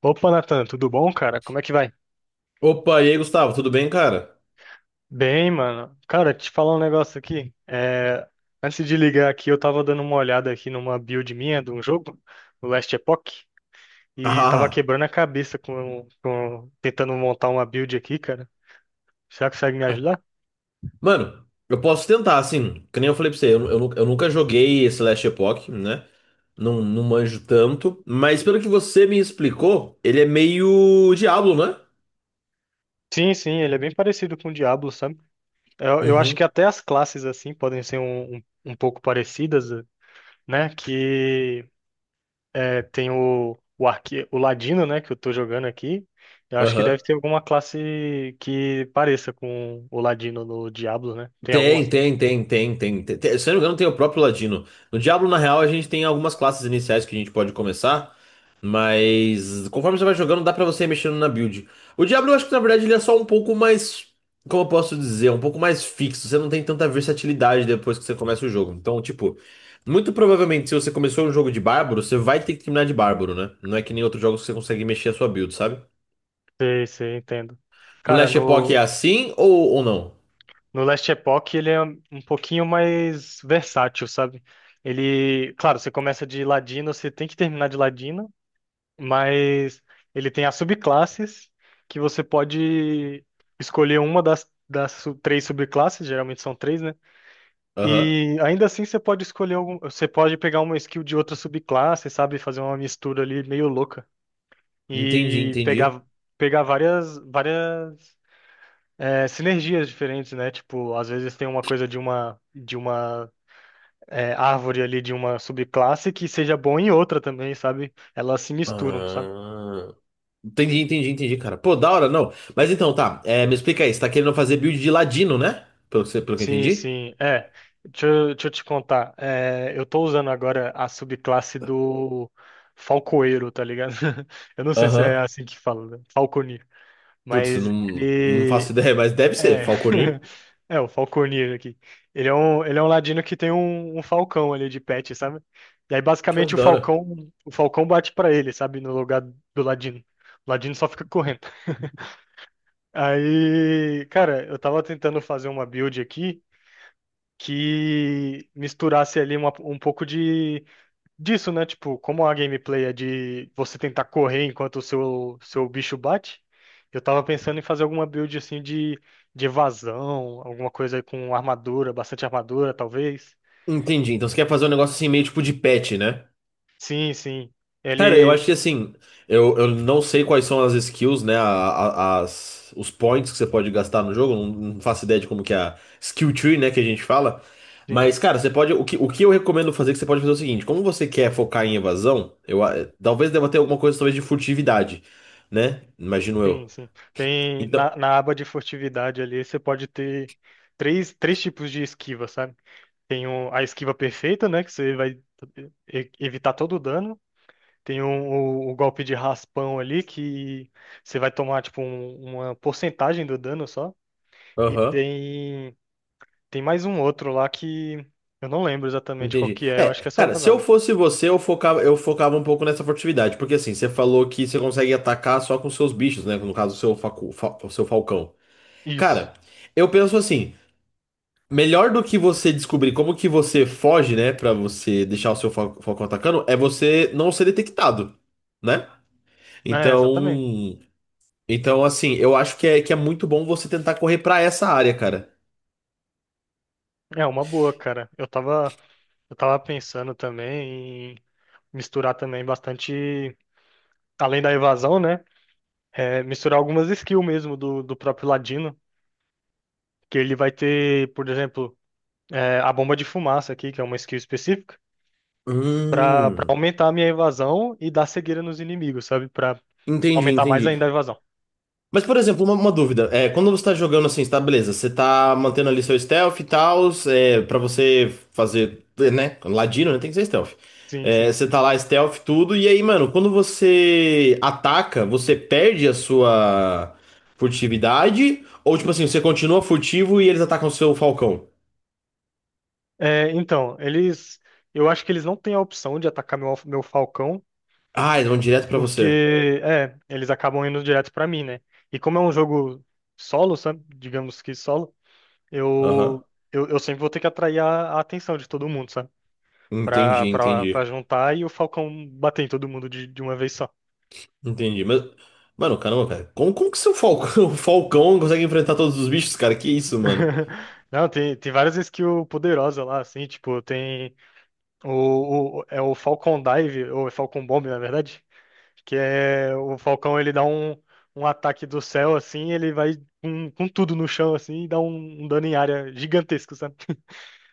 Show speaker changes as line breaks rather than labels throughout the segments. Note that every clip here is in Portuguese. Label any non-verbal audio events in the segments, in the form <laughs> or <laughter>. Opa, Nathan, tudo bom, cara? Como é que vai?
Opa, e aí, Gustavo, tudo bem, cara?
Bem, mano. Cara, te falar um negócio aqui. Antes de ligar aqui, eu tava dando uma olhada aqui numa build minha de um jogo, o Last Epoch, e tava
Ah,
quebrando a cabeça tentando montar uma build aqui, cara. Será você consegue me ajudar?
mano, eu posso tentar, assim, que nem eu falei pra você, eu nunca joguei esse Last Epoch, né? Não, não manjo tanto, mas pelo que você me explicou, ele é meio Diablo, né?
Sim, sim, ele é bem parecido com o Diablo, sabe? Eu acho que
Uhum,
até as classes, assim, podem ser um pouco parecidas, né? Que É, tem o o Ladino, né, que eu tô jogando aqui. Eu acho que
aham.
deve ter alguma classe que pareça com o Ladino no Diablo, né? Tem alguma?
Tem. Se eu não me engano, tem o próprio Ladino. No Diablo, na real, a gente tem algumas classes iniciais que a gente pode começar. Mas conforme você vai jogando, dá pra você ir mexendo na build. O Diablo, eu acho que na verdade ele é só um pouco mais. Como eu posso dizer? Um pouco mais fixo. Você não tem tanta versatilidade depois que você começa o jogo. Então, tipo, muito provavelmente se você começou um jogo de bárbaro, você vai ter que terminar de bárbaro, né? Não é que nem outros jogos que você consegue mexer a sua build, sabe?
Sei, sei, entendo.
No
Cara,
Last Epoch é
no,
assim ou não?
no Last Epoch ele é um pouquinho mais versátil, sabe? Ele, claro, você começa de Ladino, você tem que terminar de Ladino, mas ele tem as subclasses que você pode escolher uma das três subclasses, geralmente são três, né?
Aham.
E ainda assim você pode escolher algum, você pode pegar uma skill de outra subclasse, sabe, fazer uma mistura ali meio louca
Entendi,
e
entendi.
pegar várias é, sinergias diferentes, né? Tipo, às vezes tem uma coisa de uma é, árvore ali de uma subclasse que seja bom em outra também, sabe? Elas se misturam, sabe?
Ah, entendi, entendi, entendi, cara. Pô, da hora, não. Mas então, tá. É, me explica aí. Você tá querendo fazer build de ladino, né? Pelo que eu
Sim,
entendi.
sim. É, deixa eu te contar. É, eu tô usando agora a subclasse do Falcoeiro, tá ligado? <laughs> Eu não sei se é
Aham.
assim que fala, né? Falconeer.
Putz, eu
Mas
não, não faço
ele.
ideia, mas deve ser.
É.
Falconir?
<laughs> É, o Falconeer aqui. Ele é um ladino que tem um, um falcão ali de pet, sabe? E aí,
Caramba, que
basicamente,
da hora.
o falcão bate pra ele, sabe? No lugar do ladino. O ladino só fica correndo. Aí, cara, eu tava tentando fazer uma build aqui que misturasse ali uma- um pouco de disso, né? Tipo, como a gameplay é de você tentar correr enquanto o seu, seu bicho bate, eu tava pensando em fazer alguma build assim de evasão, alguma coisa com armadura, bastante armadura, talvez.
Entendi. Então você quer fazer um negócio assim, meio tipo de pet, né?
Sim, sim.
Cara, eu
Ele.
acho que assim, eu não sei quais são as skills, né? Os points que você pode gastar no jogo. Não, não faço ideia de como que é a skill tree, né, que a gente fala.
Sim,
Mas, cara, você pode. O que eu recomendo fazer, é que você pode fazer é o seguinte: como você quer focar em evasão, talvez deva ter alguma coisa talvez de furtividade, né? Imagino
sim,
eu.
sim. Tem
Então.
na, na aba de furtividade ali, você pode ter três, três tipos de esquiva, sabe? Tem o- a esquiva perfeita, né? Que você vai e- evitar todo o dano. Tem um- o golpe de raspão ali que você vai tomar tipo um- uma porcentagem do dano só. E
Aham.
tem tem mais um outro lá que eu não lembro exatamente qual
Entendi.
que é. Eu
É,
acho que é só
cara, se eu
evasão.
fosse você, eu focava um pouco nessa furtividade, porque assim, você falou que você consegue atacar só com seus bichos, né? No caso, o seu falcão.
Isso.
Cara, eu penso assim, melhor do que você descobrir como que você foge, né, pra você deixar o seu falcão atacando, é você não ser detectado, né?
É, exatamente.
Então, então assim, eu acho que é muito bom você tentar correr pra essa área, cara.
É uma boa, cara. Eu tava pensando também em misturar também bastante além da evasão, né? É, misturar algumas skills mesmo do próprio Ladino, que ele vai ter, por exemplo, é, a bomba de fumaça aqui, que é uma skill específica. Pra
Hum,
aumentar a minha evasão e dar cegueira nos inimigos, sabe? Pra
entendi,
aumentar mais
entendi.
ainda a evasão.
Mas, por exemplo, uma dúvida. É, quando você tá jogando assim, tá, beleza, você tá mantendo ali seu stealth e tal, é, pra você fazer, né? Ladino, né? Tem que ser stealth.
Sim, sim.
É, você tá lá stealth, tudo, e aí, mano, quando você ataca, você perde a sua furtividade? Ou, tipo assim, você continua furtivo e eles atacam o seu falcão?
É, então, eles. Eu acho que eles não têm a opção de atacar meu Falcão,
Ah, eles vão direto pra você.
porque, é, eles acabam indo direto pra mim, né? E como é um jogo solo, sabe? Digamos que solo,
Aham.
eu, eu sempre vou ter que atrair a atenção de todo mundo, sabe?
Entendi,
Pra
entendi.
juntar e o Falcão bater em todo mundo de uma vez só.
Entendi. Mas, mano, caramba, cara. Como que seu falcão, <laughs> o falcão consegue enfrentar todos os bichos, cara? Que isso, mano?
<laughs> Não, tem, tem várias skills poderosas lá, assim, tipo, tem. É o Falcon Dive, ou é Falcon Bomb, na verdade, que é o Falcão, ele dá um, um ataque do céu, assim, ele vai com tudo no chão, assim, e dá um, um dano em área gigantesco, sabe?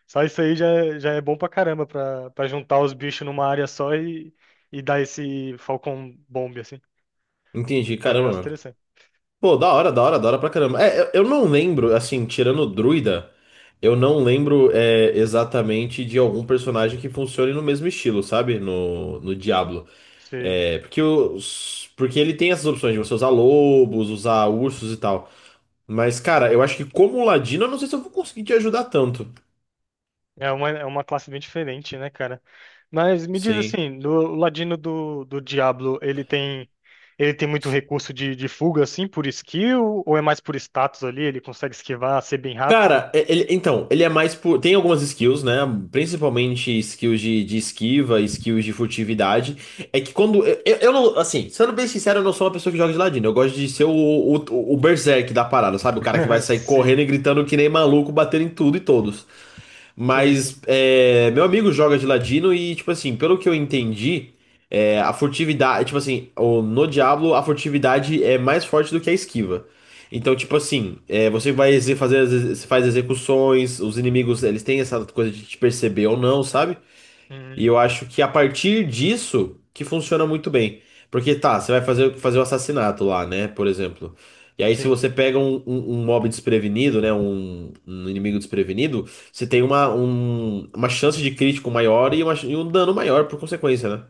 Só isso aí já, já é bom pra caramba, pra juntar os bichos numa área só e dar esse Falcon Bomb, assim.
Entendi,
É um
caramba,
negócio
mano.
interessante.
Pô, da hora pra caramba. É, eu não lembro, assim, tirando o Druida, eu não lembro é, exatamente de algum personagem que funcione no mesmo estilo, sabe? No Diablo.
Sei.
É, porque, os, porque ele tem essas opções de você usar lobos, usar ursos e tal. Mas, cara, eu acho que como ladino, eu não sei se eu vou conseguir te ajudar tanto.
É uma classe bem diferente, né, cara? Mas me diz
Sim.
assim, do o ladino do Diablo, ele tem muito recurso de fuga, assim, por skill, ou é mais por status ali? Ele consegue esquivar, ser bem rápido?
Cara, então, ele é mais por. Tem algumas skills, né? Principalmente skills de esquiva, skills de furtividade. É que quando. Eu não. Assim, sendo bem sincero, eu não sou uma pessoa que joga de ladino. Eu gosto de ser o berserk da parada, sabe? O cara que vai
<laughs>
sair correndo
Sim,
e gritando que nem maluco, batendo em tudo e todos.
sim, sim.
Mas é, meu amigo joga de ladino e, tipo assim, pelo que eu entendi, é, a furtividade, tipo assim, no Diablo a furtividade é mais forte do que a esquiva. Então, tipo assim, é, você vai fazer, faz execuções, os inimigos, eles têm essa coisa de te perceber ou não, sabe? E eu
Hum,
acho que a partir disso que funciona muito bem. Porque tá, você vai fazer o assassinato lá, né? Por exemplo. E aí, se
sim,
você pega um mob desprevenido, né? Um inimigo desprevenido, você tem
sim.
uma chance de crítico maior e, e um dano maior por consequência, né?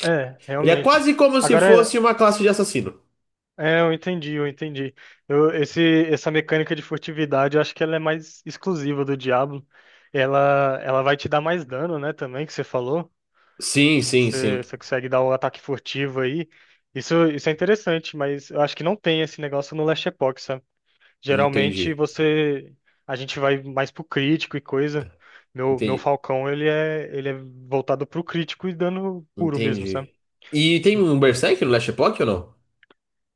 É,
Ele é
realmente.
quase como se
Agora,
fosse uma classe de assassino.
é, é, eu entendi. Eu, esse, essa mecânica de furtividade, eu acho que ela é mais exclusiva do Diablo. Ela vai te dar mais dano, né, também, que você falou.
Sim.
Você consegue dar o ataque furtivo aí. Isso é interessante, mas eu acho que não tem esse negócio no Last Epoch, sabe? Geralmente
Entendi.
você. A gente vai mais pro crítico e coisa. Meu
Entendi.
Falcão, ele é voltado pro crítico e dano puro mesmo, sabe?
Entendi. E tem
E
um Berserk no Last Epoch ou não?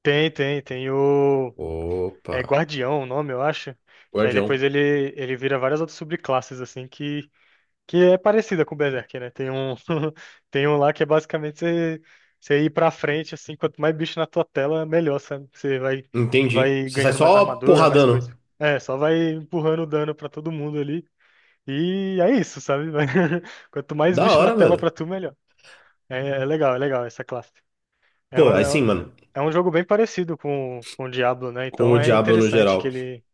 tem o.
Opa.
É Guardião o nome, eu acho. Que aí
Guardião.
depois ele vira várias outras subclasses, assim, que é parecida com o Berserk, né? Tem um, <laughs> tem um lá que é basicamente você, você ir pra frente, assim, quanto mais bicho na tua tela, melhor, sabe? Você vai,
Entendi.
vai
Você sai
ganhando mais
só
armadura, mais coisa.
porradando.
É, só vai empurrando o dano pra todo mundo ali. E é isso, sabe? Vai- <laughs> Quanto mais
Da
bicho na
hora,
tela
mano.
pra tu, melhor. É, é legal essa classe. É
Pô,
um,
aí
é, um
sim, mano.
é um jogo bem parecido com o Diablo, né?
Com
Então
o
é
Diablo no
interessante que
geral.
ele,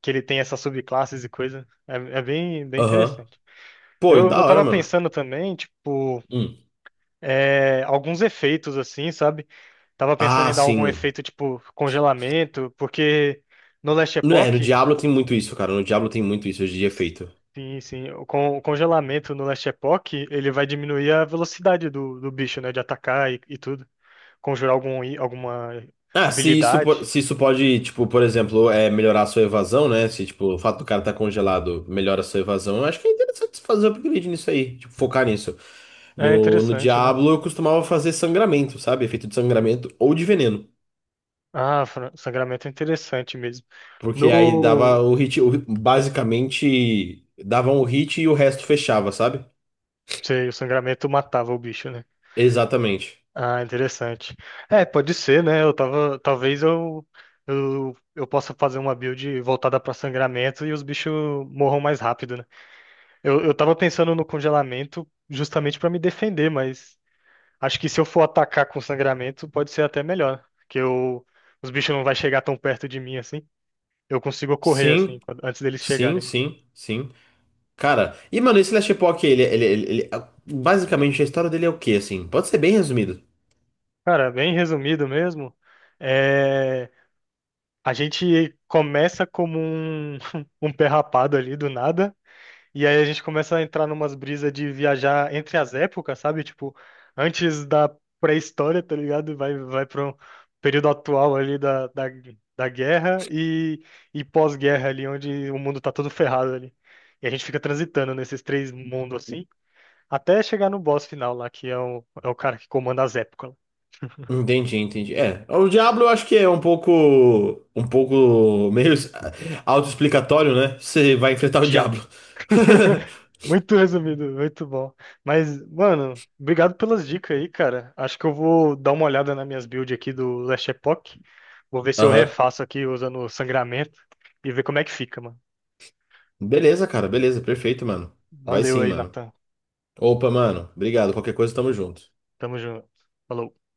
que ele tem essas subclasses e coisa. É, é bem, bem
Aham.
interessante.
Pô, e
Eu
da hora,
tava
mano.
pensando também, tipo,
Hum.
é, alguns efeitos assim, sabe? Tava pensando
Ah,
em dar algum
sim.
efeito tipo congelamento, porque no Last
Não é, no
Epoch,
Diablo tem muito isso, cara. No Diablo tem muito isso de efeito.
sim, sim, o congelamento no Last Epoch, ele vai diminuir a velocidade do bicho, né? De atacar e tudo. Conjurar algum, i- alguma
Ah, se isso,
habilidade.
se isso pode, tipo, por exemplo, é melhorar a sua evasão, né? Se, tipo, o fato do cara tá congelado melhora a sua evasão, eu acho que é interessante você fazer um upgrade nisso aí. Tipo, focar nisso.
É
No
interessante, né?
Diablo eu costumava fazer sangramento, sabe? Efeito de sangramento ou de veneno.
Ah, fra- sangramento é interessante mesmo.
Porque aí dava
No.
o hit, basicamente dava um hit e o resto fechava, sabe?
Sei, o sangramento matava o bicho, né?
Exatamente.
Ah, interessante. É, pode ser, né? Eu tava, talvez eu possa fazer uma build voltada para sangramento e os bichos morram mais rápido, né? Eu tava pensando no congelamento justamente para me defender, mas acho que se eu for atacar com sangramento, pode ser até melhor, que eu, os bichos não vai chegar tão perto de mim assim. Eu consigo correr assim,
Sim,
quando- antes deles
sim,
chegarem.
sim, sim. Cara, e mano, esse Last Epoch, basicamente a história dele é o quê, assim? Pode ser bem resumido.
Cara, bem resumido mesmo. É, a gente começa como um, <laughs> um pé rapado ali do nada. E aí a gente começa a entrar numas brisas de viajar entre as épocas, sabe? Tipo, antes da pré-história, tá ligado? Vai, vai para um período atual ali da guerra e pós-guerra ali, onde o mundo tá todo ferrado ali. E a gente fica transitando nesses três mundos assim, até chegar no boss final lá, que é é o cara que comanda as épocas, o
Entendi, entendi. É, o Diablo eu acho que é um pouco meio autoexplicatório, né? Você vai enfrentar o
diabo.
Diablo.
<laughs>
<laughs>
Muito resumido, muito bom. Mas, mano, obrigado pelas dicas aí, cara. Acho que eu vou dar uma olhada nas minhas builds aqui do Last Epoch. Vou ver se eu
Aham.
refaço aqui usando o sangramento e ver como é que fica, mano.
Beleza, cara, beleza, perfeito, mano. Vai
Valeu
sim,
aí,
mano.
Natan.
Opa, mano, obrigado. Qualquer coisa, tamo junto.
Tamo junto. Falou.